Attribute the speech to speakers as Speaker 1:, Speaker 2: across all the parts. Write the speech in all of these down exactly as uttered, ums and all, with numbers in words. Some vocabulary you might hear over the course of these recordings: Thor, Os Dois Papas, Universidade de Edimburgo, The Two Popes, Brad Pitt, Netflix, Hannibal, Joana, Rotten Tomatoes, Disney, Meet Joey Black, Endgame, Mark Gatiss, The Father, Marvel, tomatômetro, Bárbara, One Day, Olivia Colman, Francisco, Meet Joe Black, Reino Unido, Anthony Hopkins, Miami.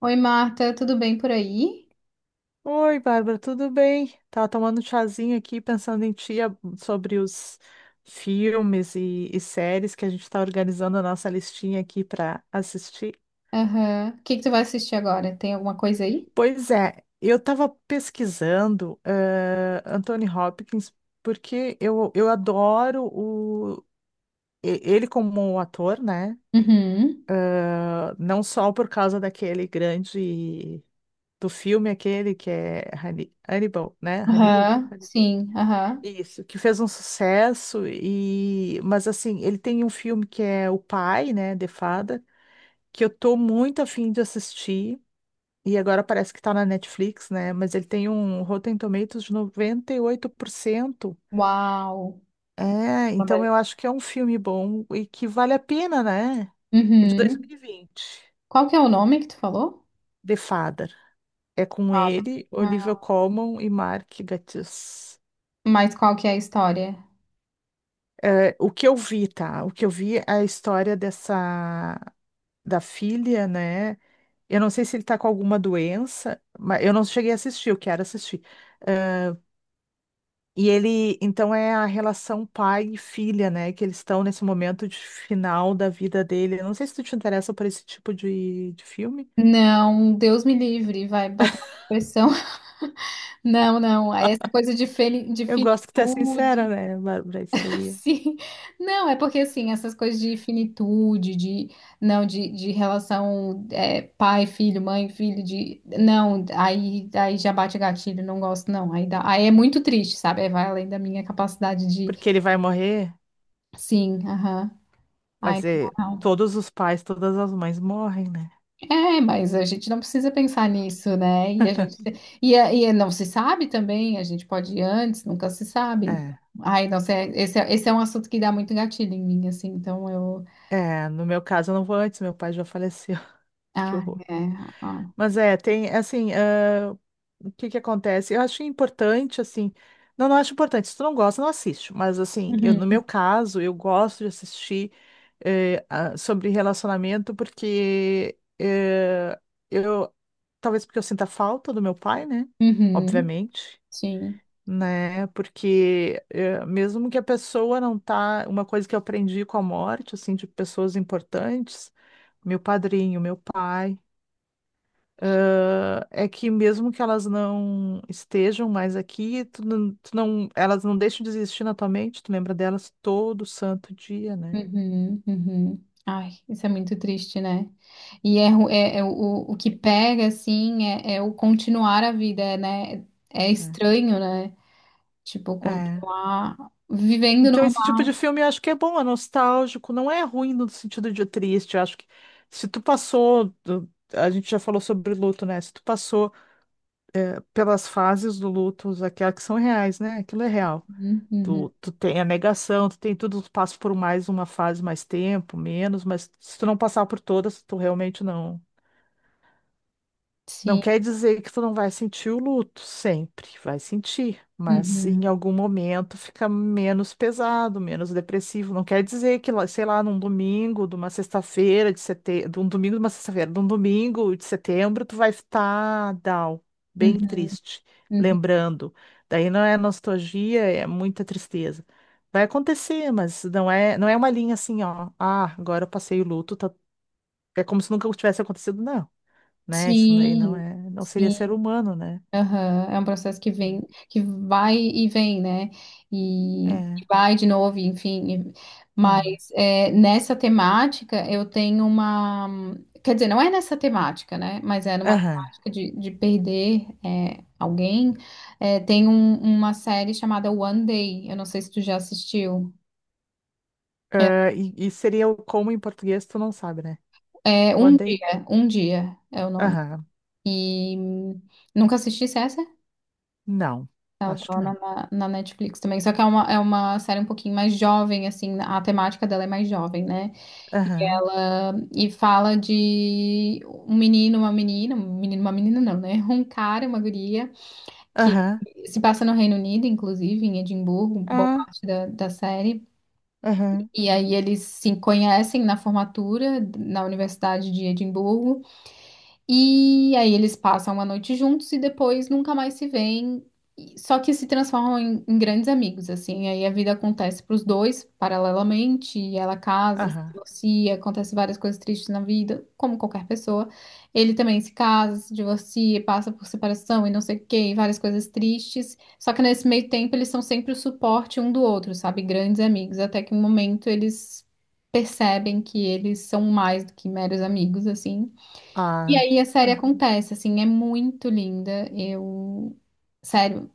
Speaker 1: Oi, Marta, tudo bem por aí?
Speaker 2: Oi, Bárbara, tudo bem? Tava tomando um chazinho aqui, pensando em ti a- sobre os filmes e, e séries que a gente está organizando a nossa listinha aqui para assistir.
Speaker 1: Aham. O que que tu vai assistir agora? Tem alguma coisa aí?
Speaker 2: Pois é, eu estava pesquisando eh, Anthony Hopkins porque eu, eu adoro o, e- ele como ator, né?
Speaker 1: Uhum.
Speaker 2: Ah, não só por causa daquele grande do filme aquele que é Hanni- Hannibal, né? Hannibal.
Speaker 1: Aham. Sim, aham.
Speaker 2: Isso, que fez um sucesso e, mas assim, ele tem um filme que é O Pai, né, The Father, que eu tô muito afim de assistir e agora parece que tá na Netflix, né, mas ele tem um Rotten Tomatoes de noventa e oito por cento.
Speaker 1: Uau.
Speaker 2: É, então eu acho que é um filme bom e que vale a pena, né? É de
Speaker 1: Uhum.
Speaker 2: dois mil e vinte,
Speaker 1: Qual que é o nome que tu falou?
Speaker 2: The Father. É com
Speaker 1: Ah, tá.
Speaker 2: ele, Olivia
Speaker 1: Ah,
Speaker 2: Colman e Mark Gatiss.
Speaker 1: mas qual que é a história?
Speaker 2: É, o que eu vi, tá? O que eu vi é a história dessa. Da filha, né? Eu não sei se ele tá com alguma doença, mas eu não cheguei a assistir, eu quero assistir. Ah, e ele, então, é a relação pai e filha, né? Que eles estão nesse momento de final da vida dele. Eu não sei se tu te interessa por esse tipo de, de filme.
Speaker 1: Não, Deus me livre, vai bater uma depressão. Não, não. é Essa coisa de, feli- de
Speaker 2: Eu gosto que tu é sincera,
Speaker 1: finitude.
Speaker 2: né, Bárbara? Isso aí.
Speaker 1: Sim. Não, é porque assim, essas coisas de finitude, de não, de, de relação é, pai, filho, mãe, filho, de não, aí, aí já bate gatilho, não gosto, não. Aí, dá, aí é muito triste, sabe? Aí vai além da minha capacidade de
Speaker 2: Porque ele vai morrer,
Speaker 1: sim, aham.
Speaker 2: vai
Speaker 1: Ai, não,
Speaker 2: dizer,
Speaker 1: dá, não.
Speaker 2: todos os pais, todas as mães morrem, né?
Speaker 1: É, mas a gente não precisa pensar nisso, né? E a gente e, a- e não se sabe também, a gente pode ir antes, nunca se sabe. Então,
Speaker 2: É.
Speaker 1: ai, não sei, esse, é- esse é um assunto que dá muito gatilho em mim, assim, então eu
Speaker 2: É, no meu caso eu não vou antes, meu pai já faleceu. Que
Speaker 1: ah,
Speaker 2: horror.
Speaker 1: é. Ah.
Speaker 2: Mas é, tem, assim, ah, o que que acontece? Eu acho importante, assim, não, não acho importante, se tu não gosta, não assiste, mas, assim, eu, no meu
Speaker 1: Uhum,
Speaker 2: caso, eu gosto de assistir eh, ah, sobre relacionamento porque eh, eu, talvez porque eu sinta falta do meu pai, né,
Speaker 1: uhum,
Speaker 2: obviamente,
Speaker 1: sim.
Speaker 2: né, porque eh, mesmo que a pessoa não tá, uma coisa que eu aprendi com a morte, assim, de pessoas importantes, meu padrinho, meu pai, ah, é que mesmo que elas não estejam mais aqui, tu não, tu não- elas não deixam de existir na tua mente, tu lembra delas todo santo dia, né?
Speaker 1: Uhum, uhum. Ai, isso é muito triste, né? E é, ru- é, é o, o que pega, assim, é, é o continuar a vida, né? É estranho, né? Tipo,
Speaker 2: É. É.
Speaker 1: continuar vivendo
Speaker 2: Então,
Speaker 1: normal.
Speaker 2: esse tipo de filme eu acho que é bom, é nostálgico, não é ruim no sentido de triste. Eu acho que se tu passou, do- a gente já falou sobre luto, né? Se tu passou pelas fases do luto, aquelas que são reais, né? Aquilo é real.
Speaker 1: Uhum, uhum,
Speaker 2: Tu, tu tem a negação, tu tem tudo, tu passa por mais uma fase, mais tempo, menos, mas se tu não passar por todas, tu realmente não. Não
Speaker 1: sim.
Speaker 2: quer dizer que tu não vai sentir o luto, sempre vai sentir, mas em
Speaker 1: Uhum,
Speaker 2: algum momento fica menos pesado, menos depressivo. Não quer dizer que, lá- sei lá, num domingo, de uma sexta-feira de setembro, de um domingo, de uma sexta-feira, de um domingo de setembro, tu vai estar down, bem
Speaker 1: uhum,
Speaker 2: triste,
Speaker 1: uhum.
Speaker 2: lembrando. Daí não é nostalgia, é muita tristeza. Vai acontecer, mas não é, não é uma linha assim, ó. Ah, agora eu passei o luto, tá- é como se nunca tivesse acontecido, não né? Isso daí não
Speaker 1: Sim,
Speaker 2: é, não seria ser
Speaker 1: sim.
Speaker 2: humano, né?
Speaker 1: Aham, é um processo que vem, que vai e vem, né? E, e
Speaker 2: É,
Speaker 1: vai de novo, enfim. Mas
Speaker 2: é.
Speaker 1: é, nessa temática eu tenho uma. Quer dizer, não é nessa temática, né? Mas é numa
Speaker 2: Aham.
Speaker 1: temática de, de perder é, alguém. É, tem um- uma série chamada One Day. Eu não sei se tu já assistiu.
Speaker 2: Ah, e, e seria o como em português, tu não sabe, né?
Speaker 1: É é
Speaker 2: One
Speaker 1: Um
Speaker 2: Day.
Speaker 1: Dia, Um Dia é o nome.
Speaker 2: Aham.
Speaker 1: E hum, nunca assisti essa? é
Speaker 2: Não.
Speaker 1: Ela
Speaker 2: Acho que
Speaker 1: torna
Speaker 2: não.
Speaker 1: na, na Netflix também. Só que é uma, é uma série um pouquinho mais jovem, assim, a temática dela é mais jovem, né? E
Speaker 2: Aham.
Speaker 1: ela e fala de um menino, uma menina, um menino, uma menina não, né? Um cara, e uma guria, que
Speaker 2: Aham.
Speaker 1: se passa no Reino Unido, inclusive, em Edimburgo, boa
Speaker 2: Ah.
Speaker 1: parte da, da série.
Speaker 2: Aham.
Speaker 1: E aí eles se conhecem na formatura, na Universidade de Edimburgo. E aí eles passam uma noite juntos e depois nunca mais se veem. E- Só que se transformam em, em grandes amigos, assim. Aí a vida acontece para os dois paralelamente. E ela casa, se
Speaker 2: Aham.
Speaker 1: divorcia, acontece várias coisas tristes na vida, como qualquer pessoa. Ele também se casa, se divorcia, passa por separação e não sei o quê, e várias coisas tristes. Só que nesse meio tempo eles são sempre o suporte um do outro, sabe? Grandes amigos. Até que um momento eles percebem que eles são mais do que meros amigos, assim. E
Speaker 2: Ah.
Speaker 1: aí a série
Speaker 2: Ah.
Speaker 1: acontece, assim, é muito linda. Eu, sério,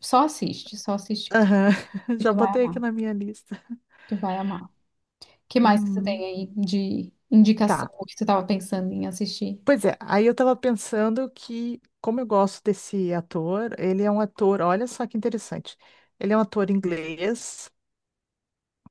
Speaker 1: só assiste, só assiste que tu,
Speaker 2: Aham.
Speaker 1: que
Speaker 2: Já
Speaker 1: tu vai
Speaker 2: botei aqui
Speaker 1: amar,
Speaker 2: na minha lista.
Speaker 1: tu vai amar. O que mais que você tem
Speaker 2: Hum,
Speaker 1: aí de indicação,
Speaker 2: tá.
Speaker 1: o que tu tava pensando em assistir?
Speaker 2: Pois é, aí eu tava pensando que, como eu gosto desse ator, ele é um ator, olha só que interessante. Ele é um ator inglês.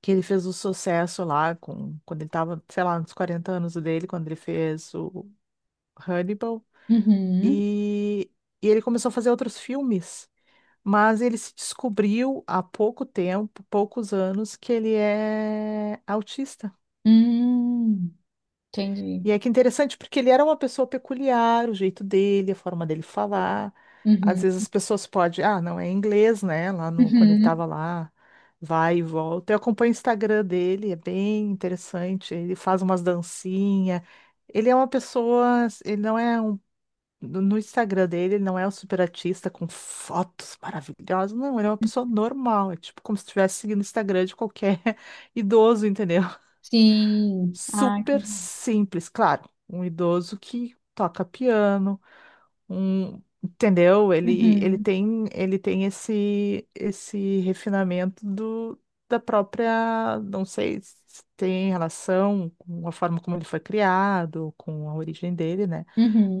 Speaker 2: Que ele fez o sucesso lá com quando ele tava, sei lá, nos quarenta anos dele, quando ele fez o Hannibal
Speaker 1: Uhum.
Speaker 2: e, e ele começou a fazer outros filmes, mas ele se descobriu há pouco tempo, poucos anos, que ele é autista.
Speaker 1: Hum, entendi.
Speaker 2: E é que interessante, porque ele era uma pessoa peculiar, o jeito dele, a forma dele falar. Às
Speaker 1: Uhum.
Speaker 2: vezes as pessoas podem, ah, não é inglês, né? Lá no, quando ele
Speaker 1: Uhum.
Speaker 2: estava lá, vai e volta. Eu acompanho o Instagram dele, é bem interessante. Ele faz umas dancinhas. Ele é uma pessoa, ele não é um. No no Instagram dele, ele não é um super artista com fotos maravilhosas. Não, ele é uma pessoa normal. É tipo como se estivesse seguindo o Instagram de qualquer idoso, entendeu?
Speaker 1: Sim. Ai, que
Speaker 2: Super
Speaker 1: legal.
Speaker 2: simples, claro. Um idoso que toca piano, um, entendeu? Ele, ele
Speaker 1: Uhum.
Speaker 2: tem, ele tem esse, esse refinamento do, da própria, não sei se tem relação com a forma como ele foi criado, com a origem dele, né?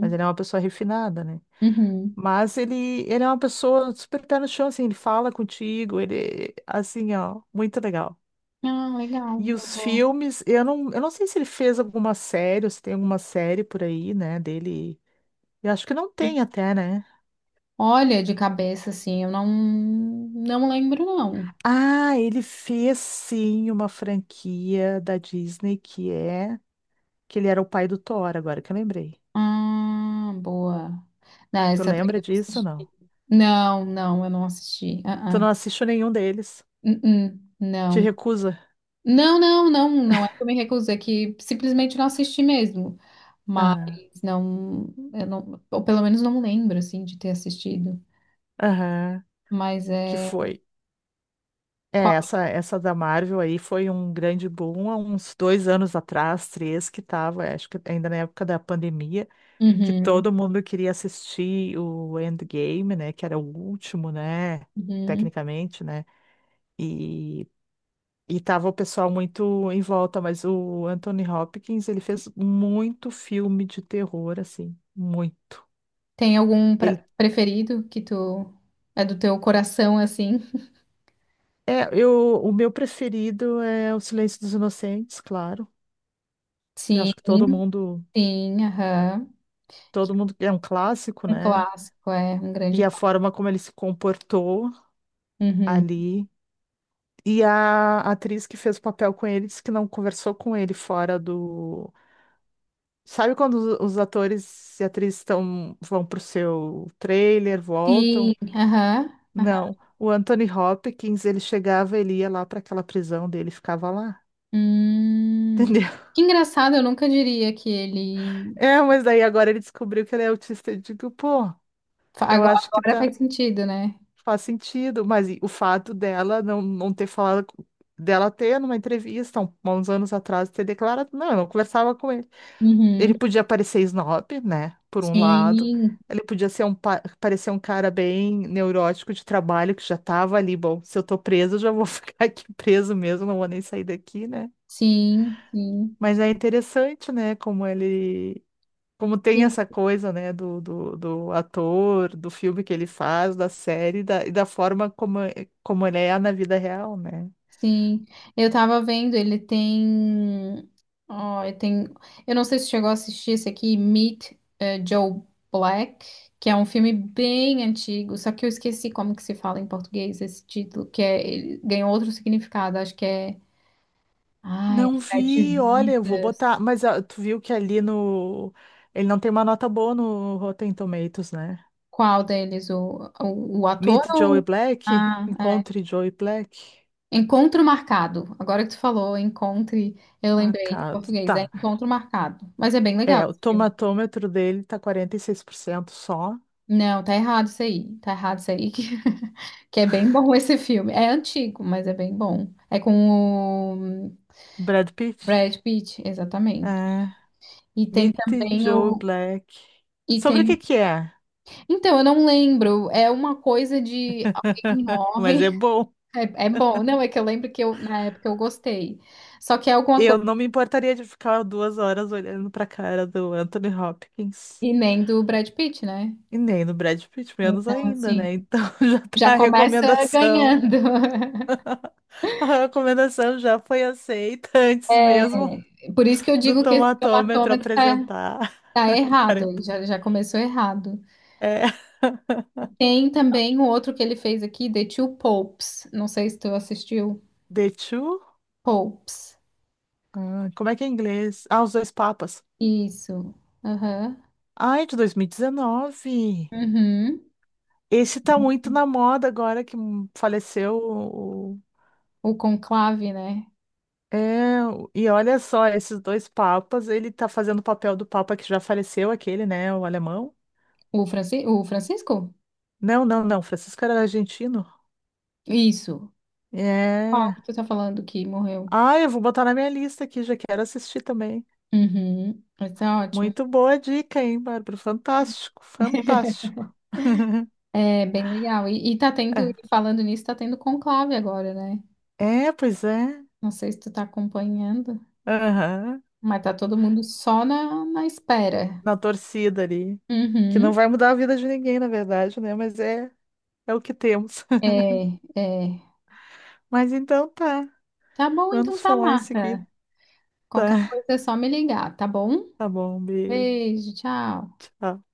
Speaker 2: Mas ele é uma pessoa refinada, né?
Speaker 1: Uhum.
Speaker 2: Mas ele, ele é uma pessoa super pé no chão, assim, ele fala contigo, ele, assim, ó, muito legal.
Speaker 1: Ah, legal.
Speaker 2: E
Speaker 1: Eu
Speaker 2: os
Speaker 1: vou.
Speaker 2: filmes, eu não, eu não sei se ele fez alguma série, ou se tem alguma série por aí, né, dele. Eu acho que não tem até, né?
Speaker 1: Olha, de cabeça, assim, eu não, não lembro, não.
Speaker 2: Ah, ele fez sim uma franquia da Disney que é que ele era o pai do Thor, agora que eu lembrei.
Speaker 1: Ah, boa. Não,
Speaker 2: Tu
Speaker 1: essa daí
Speaker 2: lembra
Speaker 1: eu não
Speaker 2: disso ou
Speaker 1: assisti.
Speaker 2: não?
Speaker 1: Não, não, eu não assisti.
Speaker 2: Tu
Speaker 1: Ah,
Speaker 2: não
Speaker 1: ah.
Speaker 2: assiste nenhum deles?
Speaker 1: Uh-uh,
Speaker 2: Te
Speaker 1: não.
Speaker 2: recusa?
Speaker 1: Não, não, não, não é que eu me recusei, é que simplesmente não assisti mesmo. Mas
Speaker 2: Aham.
Speaker 1: não, eu não, ou pelo menos não lembro, assim, de ter assistido.
Speaker 2: Aham.
Speaker 1: Mas
Speaker 2: Que
Speaker 1: é.
Speaker 2: foi. É,
Speaker 1: Qual?
Speaker 2: essa, essa da Marvel aí foi um grande boom há uns dois anos atrás, três, que tava, acho que ainda na época da pandemia. Que
Speaker 1: Uhum,
Speaker 2: todo mundo queria assistir o Endgame, né? Que era o último, né?
Speaker 1: uhum.
Speaker 2: Tecnicamente, né? E, e tava o pessoal muito em volta, mas o Anthony Hopkins, ele fez muito filme de terror, assim, muito.
Speaker 1: Tem algum pra-
Speaker 2: Ele
Speaker 1: preferido que tu. É do teu coração, assim?
Speaker 2: é, eu, o meu preferido é O Silêncio dos Inocentes, claro. Eu
Speaker 1: Sim,
Speaker 2: acho que todo mundo,
Speaker 1: sim, aham. Que
Speaker 2: todo mundo é um clássico,
Speaker 1: é um
Speaker 2: né?
Speaker 1: clássico, é um grande
Speaker 2: E a
Speaker 1: clássico.
Speaker 2: forma como ele se comportou
Speaker 1: Uhum.
Speaker 2: ali. E a atriz que fez o papel com ele disse que não conversou com ele fora do. Sabe quando os os atores e atrizes estão, vão pro seu trailer,
Speaker 1: Sim,
Speaker 2: voltam?
Speaker 1: aham, aham.
Speaker 2: Não. O Anthony Hopkins, ele chegava, ele ia lá para aquela prisão dele, ficava lá.
Speaker 1: Hum,
Speaker 2: Entendeu?
Speaker 1: que engraçado, eu nunca diria que ele.
Speaker 2: É, mas daí agora ele descobriu que ele é autista. Eu digo, pô,
Speaker 1: fa-
Speaker 2: eu
Speaker 1: Agora,
Speaker 2: acho que
Speaker 1: agora
Speaker 2: tá,
Speaker 1: faz sentido, né?
Speaker 2: faz sentido. Mas e o fato dela não, não ter falado, com- dela ter numa entrevista, um- uns anos atrás, ter declarado, não, eu não conversava com ele.
Speaker 1: Uhum.
Speaker 2: Ele podia parecer snob, né? Por um lado.
Speaker 1: Sim,
Speaker 2: Ele podia ser um, pa- parecer um cara bem neurótico de trabalho, que já tava ali, bom, se eu tô preso, eu já vou ficar aqui preso mesmo, não vou nem sair daqui, né?
Speaker 1: sim, sim,
Speaker 2: Mas é interessante, né? Como ele. Como tem
Speaker 1: sim,
Speaker 2: essa coisa, né? Do, do, do ator, do filme que ele faz, da série, da, e da forma como, é- como ele é na vida real, né?
Speaker 1: sim. Eu tava vendo, ele tem. Ó, ele tem. Eu não sei se chegou a assistir esse aqui, Meet, eh, Joe Black, que é um filme bem antigo, só que eu esqueci como que se fala em português esse título, que é ele ganhou outro significado, acho que é. Ai,
Speaker 2: Não
Speaker 1: Sete
Speaker 2: vi, olha, eu vou botar.
Speaker 1: Vidas.
Speaker 2: Mas ah, tu viu que ali no. Ele não tem uma nota boa no Rotten Tomatoes, né?
Speaker 1: Qual deles? O, o, o ator
Speaker 2: Meet Joey
Speaker 1: ou.
Speaker 2: Black,
Speaker 1: Ah, é.
Speaker 2: encontre Joey Black,
Speaker 1: Encontro Marcado. Agora que tu falou, encontre. Eu lembrei em
Speaker 2: marcado.
Speaker 1: português, é
Speaker 2: Tá.
Speaker 1: Encontro Marcado. Mas é bem legal
Speaker 2: É, o
Speaker 1: esse filme.
Speaker 2: tomatômetro dele tá quarenta e seis por cento só.
Speaker 1: Não, tá errado isso aí. Tá errado isso aí. Que, que é bem bom esse filme. É antigo, mas é bem bom. É com o
Speaker 2: Brad Pitt.
Speaker 1: Brad Pitt, exatamente.
Speaker 2: É,
Speaker 1: E tem
Speaker 2: Meet
Speaker 1: também
Speaker 2: Joey
Speaker 1: o.
Speaker 2: Black.
Speaker 1: E
Speaker 2: Sobre o que
Speaker 1: tem.
Speaker 2: que é?
Speaker 1: Então, eu não lembro. É uma coisa de alguém
Speaker 2: Mas
Speaker 1: morre.
Speaker 2: é bom.
Speaker 1: É, é bom. Não, é que eu lembro que eu, na época eu gostei. Só que é alguma
Speaker 2: Eu
Speaker 1: coisa
Speaker 2: não me importaria de ficar duas horas olhando pra cara do Anthony Hopkins.
Speaker 1: que nem do Brad Pitt, né?
Speaker 2: E nem do Brad Pitt, menos
Speaker 1: Então,
Speaker 2: ainda,
Speaker 1: assim,
Speaker 2: né? Então já
Speaker 1: já
Speaker 2: tá a
Speaker 1: começa
Speaker 2: recomendação.
Speaker 1: ganhando.
Speaker 2: A recomendação já foi aceita antes
Speaker 1: É,
Speaker 2: mesmo.
Speaker 1: por isso que eu
Speaker 2: Do
Speaker 1: digo que esse
Speaker 2: tomatômetro
Speaker 1: tomatômetro tá,
Speaker 2: apresentar
Speaker 1: tá errado. Ele
Speaker 2: quarenta.
Speaker 1: Já, já começou errado.
Speaker 2: É,
Speaker 1: Tem também o outro que ele fez aqui, The Two Popes. Não sei se tu assistiu.
Speaker 2: The Two?
Speaker 1: Popes.
Speaker 2: Ah, como é que é em inglês? Ah, Os Dois Papas.
Speaker 1: Isso. Aham.
Speaker 2: Ai, de dois mil e dezenove.
Speaker 1: Uhum.
Speaker 2: Esse tá muito na moda agora que hum, faleceu. o-
Speaker 1: O conclave, né?
Speaker 2: É, e olha só, esses dois papas, ele tá fazendo o papel do papa que já faleceu, aquele, né, o alemão.
Speaker 1: O, Franci o Francisco?
Speaker 2: Não, não, não, Francisco era argentino.
Speaker 1: Isso. Qual
Speaker 2: É.
Speaker 1: que tu tá falando que morreu?
Speaker 2: Ah, eu vou botar na minha lista aqui, já quero assistir também.
Speaker 1: Uhum. Isso é ótimo.
Speaker 2: Muito boa dica, hein, Bárbara? Fantástico, fantástico.
Speaker 1: É bem legal. E, e tá tendo,
Speaker 2: É,
Speaker 1: e falando nisso, tá tendo conclave agora, né?
Speaker 2: é, pois é.
Speaker 1: Não sei se tu tá acompanhando,
Speaker 2: Aham.
Speaker 1: mas tá todo mundo só na, na espera.
Speaker 2: Na torcida ali. Que
Speaker 1: Uhum.
Speaker 2: não vai mudar a vida de ninguém, na verdade, né? Mas é, é o que temos.
Speaker 1: É, é.
Speaker 2: Mas então tá.
Speaker 1: Tá bom, então
Speaker 2: Vamos
Speaker 1: tá,
Speaker 2: falar em seguida.
Speaker 1: Marta. Qualquer coisa é só me ligar, tá bom?
Speaker 2: Tá bom, beijo.
Speaker 1: Beijo, tchau.
Speaker 2: Tchau.